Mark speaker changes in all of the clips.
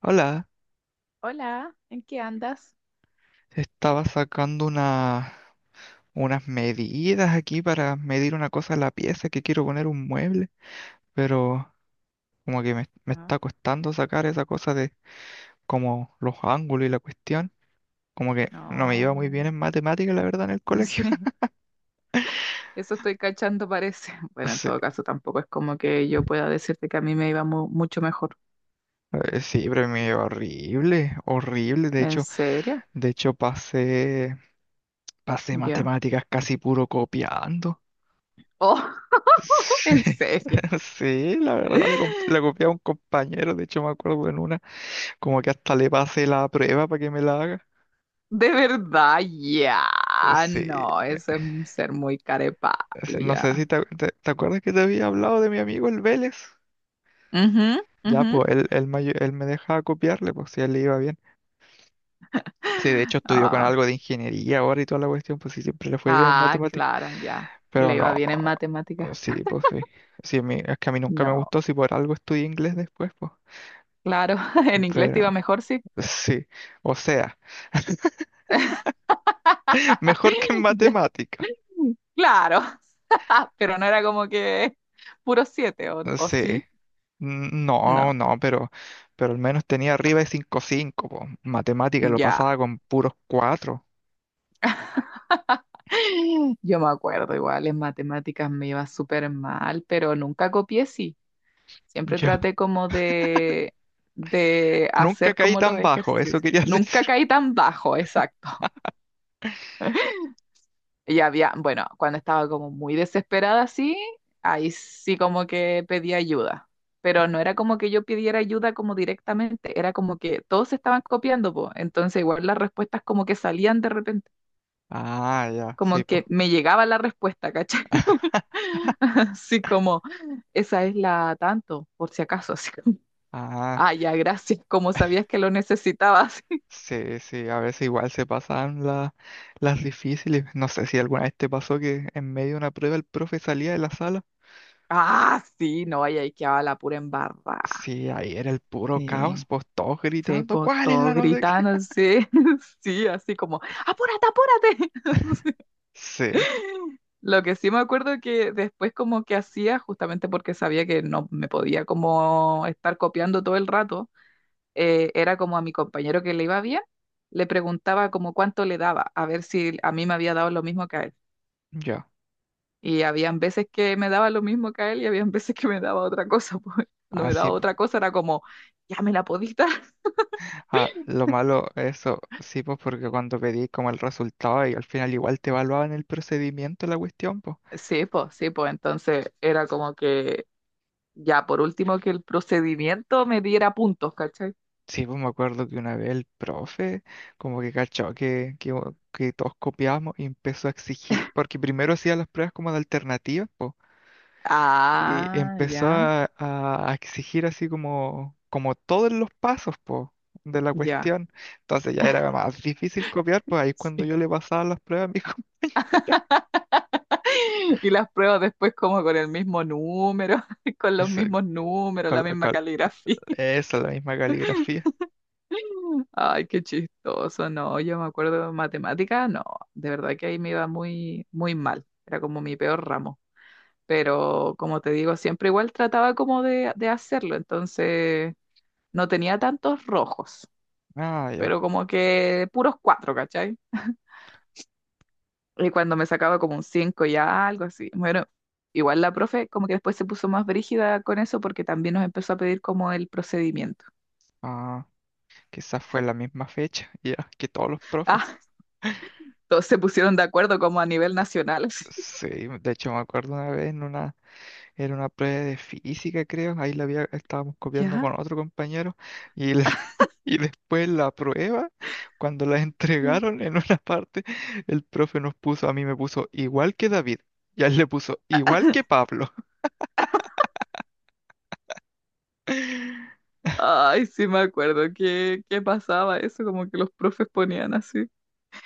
Speaker 1: Hola,
Speaker 2: Hola, ¿en qué andas?
Speaker 1: estaba sacando unas medidas aquí para medir una cosa en la pieza que quiero poner un mueble, pero como que me
Speaker 2: No,
Speaker 1: está costando sacar esa cosa de como los ángulos y la cuestión. Como que no me iba muy bien
Speaker 2: no,
Speaker 1: en matemáticas, la verdad, en el
Speaker 2: no
Speaker 1: colegio.
Speaker 2: sé. Eso estoy cachando, parece. Bueno, en
Speaker 1: Sí,
Speaker 2: todo caso, tampoco es como que yo pueda decirte que a mí me iba mucho mejor.
Speaker 1: sí, pero me iba horrible, horrible. De
Speaker 2: ¿En
Speaker 1: hecho,
Speaker 2: serio?
Speaker 1: de hecho pasé
Speaker 2: Ya.
Speaker 1: matemáticas casi puro copiando.
Speaker 2: Oh,
Speaker 1: Sí.
Speaker 2: en serio.
Speaker 1: Sí, la verdad, le copié a un compañero, de hecho me acuerdo en una. Como que hasta le pasé la prueba para que me la haga.
Speaker 2: De verdad, ya.
Speaker 1: Sí.
Speaker 2: No, eso es un ser muy
Speaker 1: Sí,
Speaker 2: carepalo,
Speaker 1: no
Speaker 2: ya.
Speaker 1: sé si ¿te acuerdas que te había hablado de mi amigo el Vélez?
Speaker 2: Ujú,
Speaker 1: Ya,
Speaker 2: ujú.
Speaker 1: pues él me dejaba copiarle, pues si a él le iba bien. Sí, de hecho estudió con
Speaker 2: Ah,
Speaker 1: algo de ingeniería ahora y toda la cuestión, pues sí, siempre le fue bien en
Speaker 2: ah,
Speaker 1: matemáticas.
Speaker 2: claro, ya.
Speaker 1: Pero
Speaker 2: Le iba
Speaker 1: no,
Speaker 2: bien en matemáticas.
Speaker 1: sí, pues sí. Sí, es que a mí nunca me
Speaker 2: No,
Speaker 1: gustó, si por algo estudié inglés después, pues.
Speaker 2: claro, en inglés te
Speaker 1: Pero
Speaker 2: iba mejor, sí.
Speaker 1: sí, o sea, mejor que en
Speaker 2: Ya.
Speaker 1: matemáticas.
Speaker 2: Claro. Pero no era como que puro siete, o
Speaker 1: Sí.
Speaker 2: sí?
Speaker 1: No,
Speaker 2: No,
Speaker 1: no, pero al menos tenía arriba de cinco punto cinco, po. Matemática lo
Speaker 2: ya.
Speaker 1: pasaba con puros cuatro.
Speaker 2: Yo me acuerdo, igual en matemáticas me iba súper mal, pero nunca copié, sí. Siempre
Speaker 1: Yo
Speaker 2: traté como de
Speaker 1: nunca
Speaker 2: hacer
Speaker 1: caí
Speaker 2: como los
Speaker 1: tan bajo, eso
Speaker 2: ejercicios.
Speaker 1: quería
Speaker 2: Nunca
Speaker 1: decir.
Speaker 2: caí tan bajo, exacto. Y había, bueno, cuando estaba como muy desesperada así, ahí sí como que pedí ayuda. Pero no era como que yo pidiera ayuda como directamente, era como que todos se estaban copiando, po. Entonces igual las respuestas como que salían de repente,
Speaker 1: Ah, ya,
Speaker 2: como
Speaker 1: sí, pues.
Speaker 2: que me llegaba la respuesta, ¿cachai? Así como, esa es la tanto, por si acaso, así como,
Speaker 1: Ah,
Speaker 2: ah, ya, gracias, como sabías que lo necesitabas.
Speaker 1: sí, sí, a veces igual se pasaban las difíciles. No sé si alguna vez te pasó que en medio de una prueba el profe salía de la sala.
Speaker 2: Ah, sí, no, ahí quedaba la pura embarrada.
Speaker 1: Sí, ahí era el puro caos,
Speaker 2: Sí.
Speaker 1: pues todos
Speaker 2: Sí,
Speaker 1: gritando,
Speaker 2: pues
Speaker 1: ¿cuál es
Speaker 2: todos
Speaker 1: la no sé qué?
Speaker 2: gritando, sí, sí, así como, apúrate, apúrate. Sí.
Speaker 1: Sí,
Speaker 2: Lo que sí me acuerdo que después como que hacía, justamente porque sabía que no me podía como estar copiando todo el rato, era como a mi compañero que le iba bien, le preguntaba como cuánto le daba, a ver si a mí me había dado lo mismo que a él.
Speaker 1: ya,
Speaker 2: Y habían veces que me daba lo mismo que a él y habían veces que me daba otra cosa, pues cuando me daba
Speaker 1: así.
Speaker 2: otra cosa era como, ya me la podí dar.
Speaker 1: Ah, lo malo, eso sí, pues porque cuando pedí como el resultado y al final igual te evaluaban el procedimiento, la cuestión, pues.
Speaker 2: Sí, pues entonces era como que ya por último que el procedimiento me diera puntos, ¿cachai?
Speaker 1: Sí, pues me acuerdo que una vez el profe como que cachó que todos copiábamos y empezó a exigir, porque primero hacía las pruebas como de alternativas, pues, y
Speaker 2: Ah,
Speaker 1: empezó a exigir así como, como todos los pasos, pues, de la
Speaker 2: ya.
Speaker 1: cuestión. Entonces ya era más difícil copiar, pues ahí es cuando
Speaker 2: Sí.
Speaker 1: yo le pasaba las pruebas a mi compañero.
Speaker 2: Y las pruebas después como con el mismo número, con los
Speaker 1: Eso,
Speaker 2: mismos números,
Speaker 1: con,
Speaker 2: la
Speaker 1: la-
Speaker 2: misma
Speaker 1: con-
Speaker 2: caligrafía.
Speaker 1: la misma caligrafía.
Speaker 2: Ay, qué chistoso, no, yo me acuerdo de matemática, no, de verdad que ahí me iba muy, muy mal, era como mi peor ramo, pero como te digo, siempre igual trataba como de hacerlo, entonces no tenía tantos rojos,
Speaker 1: Ah, ya.
Speaker 2: pero como que puros cuatro, ¿cachai? Y cuando me sacaba como un cinco ya, algo así. Bueno, igual la profe como que después se puso más brígida con eso porque también nos empezó a pedir como el procedimiento.
Speaker 1: Ah, quizás fue la misma fecha, ya, que todos los profes.
Speaker 2: Ah, todos se pusieron de acuerdo como a nivel nacional, así.
Speaker 1: Sí, de hecho me acuerdo una vez en una, era una prueba de física, creo, ahí la había, estábamos copiando
Speaker 2: ¿Ya?
Speaker 1: con otro compañero y y después la prueba, cuando la
Speaker 2: Mm.
Speaker 1: entregaron en una parte, el profe nos puso, a mí me puso igual que David y a él le puso igual que Pablo.
Speaker 2: Ay, sí me acuerdo que pasaba eso, como que los profes ponían así.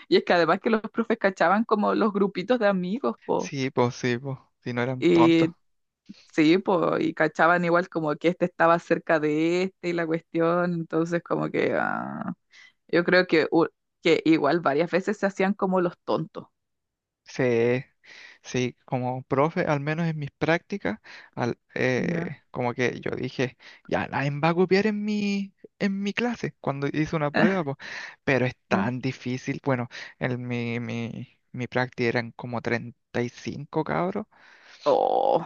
Speaker 2: Y es que además que los profes cachaban como los grupitos de amigos, po.
Speaker 1: Sí, pues, si no eran tontos.
Speaker 2: Y sí, pues, y cachaban igual como que este estaba cerca de este y la cuestión, entonces como que ah, yo creo que igual varias veces se hacían como los tontos.
Speaker 1: Sí, sí, como profe, al menos en mis prácticas,
Speaker 2: Ya.
Speaker 1: como que yo dije, ya nadie me va a copiar en mi clase cuando hice una prueba, po. Pero es
Speaker 2: Ya.
Speaker 1: tan difícil. Bueno, en mi práctica eran como 35 cabros.
Speaker 2: Oh,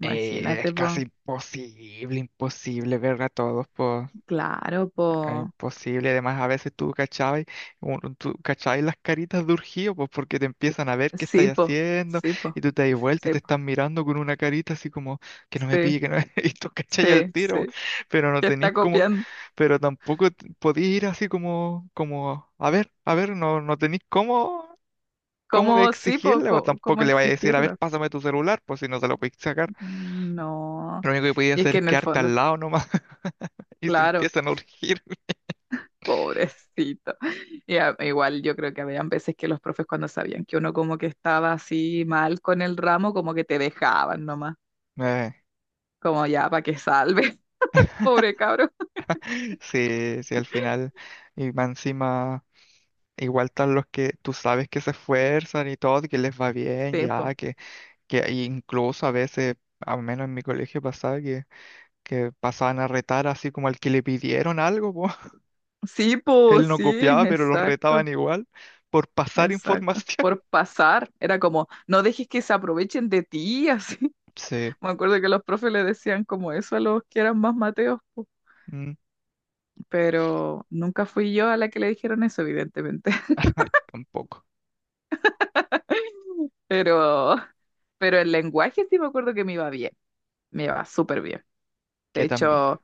Speaker 2: imagínate,
Speaker 1: Es casi
Speaker 2: po.
Speaker 1: imposible, imposible ver a todos, po.
Speaker 2: Claro,
Speaker 1: Era
Speaker 2: po.
Speaker 1: imposible, además a veces tú cachabas, tú cachabas las caritas de urgido, pues porque te empiezan a ver qué estás
Speaker 2: Sí, po.
Speaker 1: haciendo,
Speaker 2: Sí,
Speaker 1: y
Speaker 2: po.
Speaker 1: tú te das vuelta y
Speaker 2: Sí,
Speaker 1: te
Speaker 2: po.
Speaker 1: están mirando con una carita así como que no me
Speaker 2: Sí,
Speaker 1: pille, que no me. Y tú cachabas al
Speaker 2: sí,
Speaker 1: tiro,
Speaker 2: sí.
Speaker 1: pero no
Speaker 2: Que
Speaker 1: tenís
Speaker 2: está
Speaker 1: como,
Speaker 2: copiando.
Speaker 1: pero tampoco podís ir así como, como, a ver, no, no tenís cómo, cómo de
Speaker 2: ¿Cómo sí, po?
Speaker 1: exigirle, o
Speaker 2: ¿Cómo,
Speaker 1: tampoco le vayas a decir, a ver,
Speaker 2: exigirlo?
Speaker 1: pásame tu celular, pues si no se lo podís sacar.
Speaker 2: Mm, no.
Speaker 1: Lo único que podías
Speaker 2: Y es
Speaker 1: hacer
Speaker 2: que
Speaker 1: es
Speaker 2: en el
Speaker 1: quedarte
Speaker 2: fondo,
Speaker 1: al lado nomás y se
Speaker 2: claro.
Speaker 1: empiezan a urgir.
Speaker 2: Pobrecito. Igual yo creo que habían veces que los profes cuando sabían que uno como que estaba así mal con el ramo, como que te dejaban nomás, como ya para que salve, pobre cabro.
Speaker 1: Sí, sí, al final, y más encima, igual están los que tú sabes que se esfuerzan y todo, que les va bien,
Speaker 2: Sí, po.
Speaker 1: ya, que incluso a veces, al menos en mi colegio pasaba, que pasaban a retar así como al que le pidieron algo, po.
Speaker 2: Sí, po,
Speaker 1: Él no
Speaker 2: sí,
Speaker 1: copiaba, pero los retaban
Speaker 2: exacto,
Speaker 1: igual por pasar
Speaker 2: exacto.
Speaker 1: información.
Speaker 2: Por pasar, era como, no dejes que se aprovechen de ti, así.
Speaker 1: Sí,
Speaker 2: Me acuerdo que los profes le decían como eso a los que eran más mateos, po.
Speaker 1: mm,
Speaker 2: Pero nunca fui yo a la que le dijeron eso, evidentemente.
Speaker 1: ay, tampoco,
Speaker 2: Pero, pero el lenguaje sí me acuerdo que me iba bien, me iba súper bien. De
Speaker 1: que también.
Speaker 2: hecho,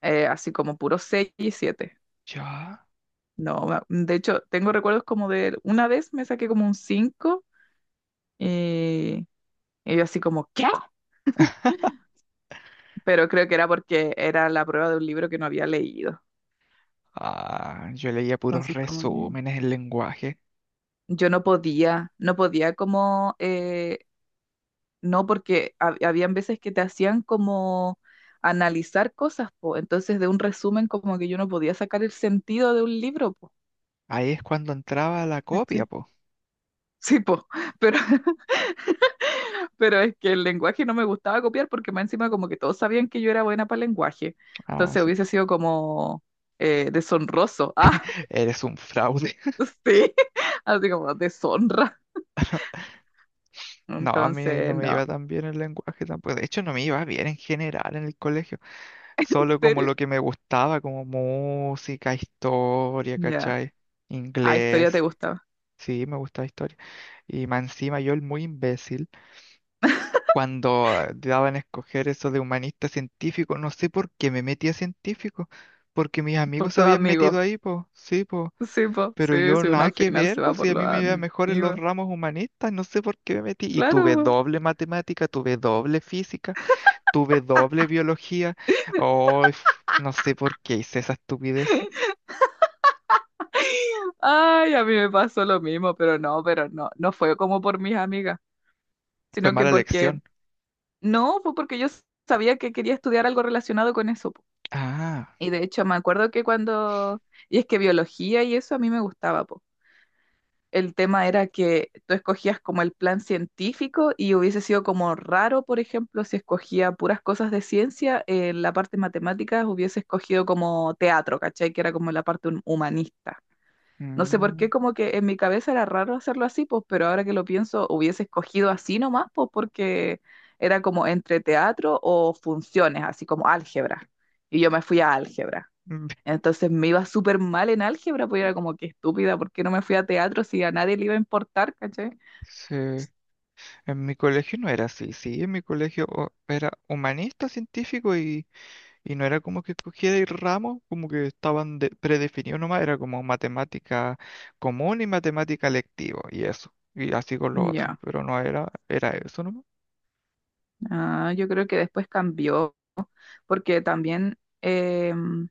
Speaker 2: así como puro 6 y siete.
Speaker 1: Ya.
Speaker 2: No, ma- De hecho, tengo recuerdos como de una vez me saqué como un 5 y, y yo así como, ¿qué? Pero creo que era porque era la prueba de un libro que no había leído.
Speaker 1: Ah, yo leía puros
Speaker 2: Entonces, como que
Speaker 1: resúmenes en lenguaje.
Speaker 2: yo no podía, no podía como no, porque habían veces que te hacían como analizar cosas, po. Entonces de un resumen como que yo no podía sacar el sentido de un libro, po.
Speaker 1: Ahí es cuando entraba la copia,
Speaker 2: ¿Cachai?
Speaker 1: po.
Speaker 2: Sí, po. Pero, pero es que el lenguaje no me gustaba copiar porque más encima como que todos sabían que yo era buena para el lenguaje.
Speaker 1: Ah,
Speaker 2: Entonces
Speaker 1: sí.
Speaker 2: hubiese sido como deshonroso.
Speaker 1: Eres un fraude.
Speaker 2: Ah, sí. Así como deshonra.
Speaker 1: No, a mí no
Speaker 2: Entonces,
Speaker 1: me
Speaker 2: no.
Speaker 1: iba tan bien el lenguaje tampoco. De hecho, no me iba bien en general en el colegio.
Speaker 2: ¿En
Speaker 1: Solo como
Speaker 2: serio?
Speaker 1: lo que me gustaba, como música, historia,
Speaker 2: Ya.
Speaker 1: ¿cachai?
Speaker 2: Ah, esto ya te
Speaker 1: Inglés.
Speaker 2: gustaba.
Speaker 1: Sí, me gustaba historia. Y más encima yo, el muy imbécil, cuando daban a escoger eso de humanista científico, no sé por qué me metí a científico. Porque mis
Speaker 2: Por
Speaker 1: amigos se
Speaker 2: tu
Speaker 1: habían metido
Speaker 2: amigo.
Speaker 1: ahí, pues. Sí, pues.
Speaker 2: Sí, po,
Speaker 1: Pero
Speaker 2: sí,
Speaker 1: yo
Speaker 2: si uno
Speaker 1: nada
Speaker 2: al
Speaker 1: que
Speaker 2: final se
Speaker 1: ver,
Speaker 2: va
Speaker 1: pues si
Speaker 2: por
Speaker 1: a
Speaker 2: los
Speaker 1: mí me iba mejor en los
Speaker 2: amigos.
Speaker 1: ramos humanistas, no sé por qué me metí. Y
Speaker 2: Claro,
Speaker 1: tuve
Speaker 2: po.
Speaker 1: doble matemática, tuve doble física, tuve doble biología. Oh, no sé por qué hice esa estupidez.
Speaker 2: Ay, a mí me pasó lo mismo, pero no, no fue como por mis amigas,
Speaker 1: Fue
Speaker 2: sino que
Speaker 1: mala
Speaker 2: porque,
Speaker 1: elección.
Speaker 2: no, fue porque yo sabía que quería estudiar algo relacionado con eso, po.
Speaker 1: Ah,
Speaker 2: Y de hecho me acuerdo que cuando, y es que biología y eso a mí me gustaba, po. El tema era que tú escogías como el plan científico y hubiese sido como raro, por ejemplo, si escogía puras cosas de ciencia, en la parte matemática hubiese escogido como teatro, ¿cachai? Que era como la parte humanista. No sé por
Speaker 1: mm,
Speaker 2: qué, como que en mi cabeza era raro hacerlo así, pues, pero ahora que lo pienso, hubiese escogido así nomás, pues, porque era como entre teatro o funciones, así como álgebra. Y yo me fui a álgebra.
Speaker 1: mm,
Speaker 2: Entonces me iba súper mal en álgebra, pues era como que estúpida, ¿por qué no me fui a teatro si a nadie le iba a importar, ¿cachai?
Speaker 1: sí. En mi colegio no era así, sí, en mi colegio oh, era humanista, científico. Y no era como que escogía de ramos, como que estaban predefinidos nomás, era como matemática común y matemática lectiva, y eso, y así con lo otro,
Speaker 2: Ya,
Speaker 1: pero no era, era eso nomás.
Speaker 2: ah, yo creo que después cambió, porque también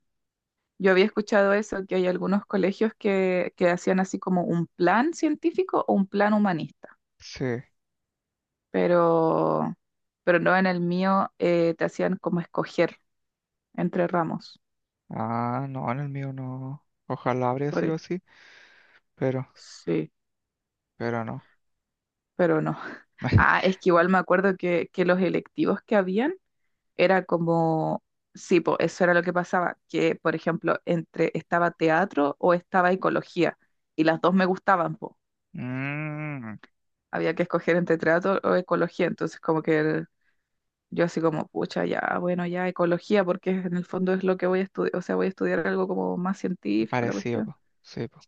Speaker 2: yo había escuchado eso, que hay algunos colegios que hacían así como un plan científico o un plan humanista,
Speaker 1: Sí.
Speaker 2: pero, pero no en el mío, te hacían como escoger entre ramos.
Speaker 1: Ah, no, en el mío no. Ojalá habría
Speaker 2: por
Speaker 1: sido
Speaker 2: e-
Speaker 1: así, pero,
Speaker 2: sí,
Speaker 1: pero no.
Speaker 2: pero no. Ah, es que igual me acuerdo que los electivos que habían era como, sí, po, eso era lo que pasaba, que por ejemplo, entre estaba teatro o estaba ecología, y las dos me gustaban, po.
Speaker 1: Mmm,
Speaker 2: Había que escoger entre teatro o ecología, entonces como yo así como, pucha, ya, bueno, ya ecología, porque en el fondo es lo que voy a estudiar, o sea, voy a estudiar algo como más científico, la
Speaker 1: parecido,
Speaker 2: cuestión.
Speaker 1: po. Sí, po.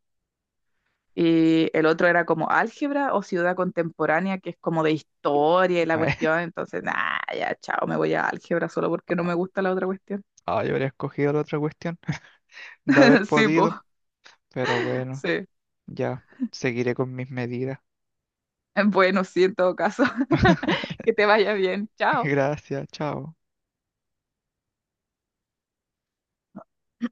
Speaker 2: Y el otro era como álgebra o ciudad contemporánea, que es como de historia y la cuestión. Entonces, nah, ya, chao, me voy a álgebra solo porque no me gusta la otra cuestión.
Speaker 1: Ah, yo habría escogido la otra cuestión de haber
Speaker 2: Sí, po,
Speaker 1: podido, pero bueno,
Speaker 2: sí.
Speaker 1: ya seguiré con mis medidas.
Speaker 2: Bueno, sí, en todo caso, que te vaya bien. Chao.
Speaker 1: Gracias, chao.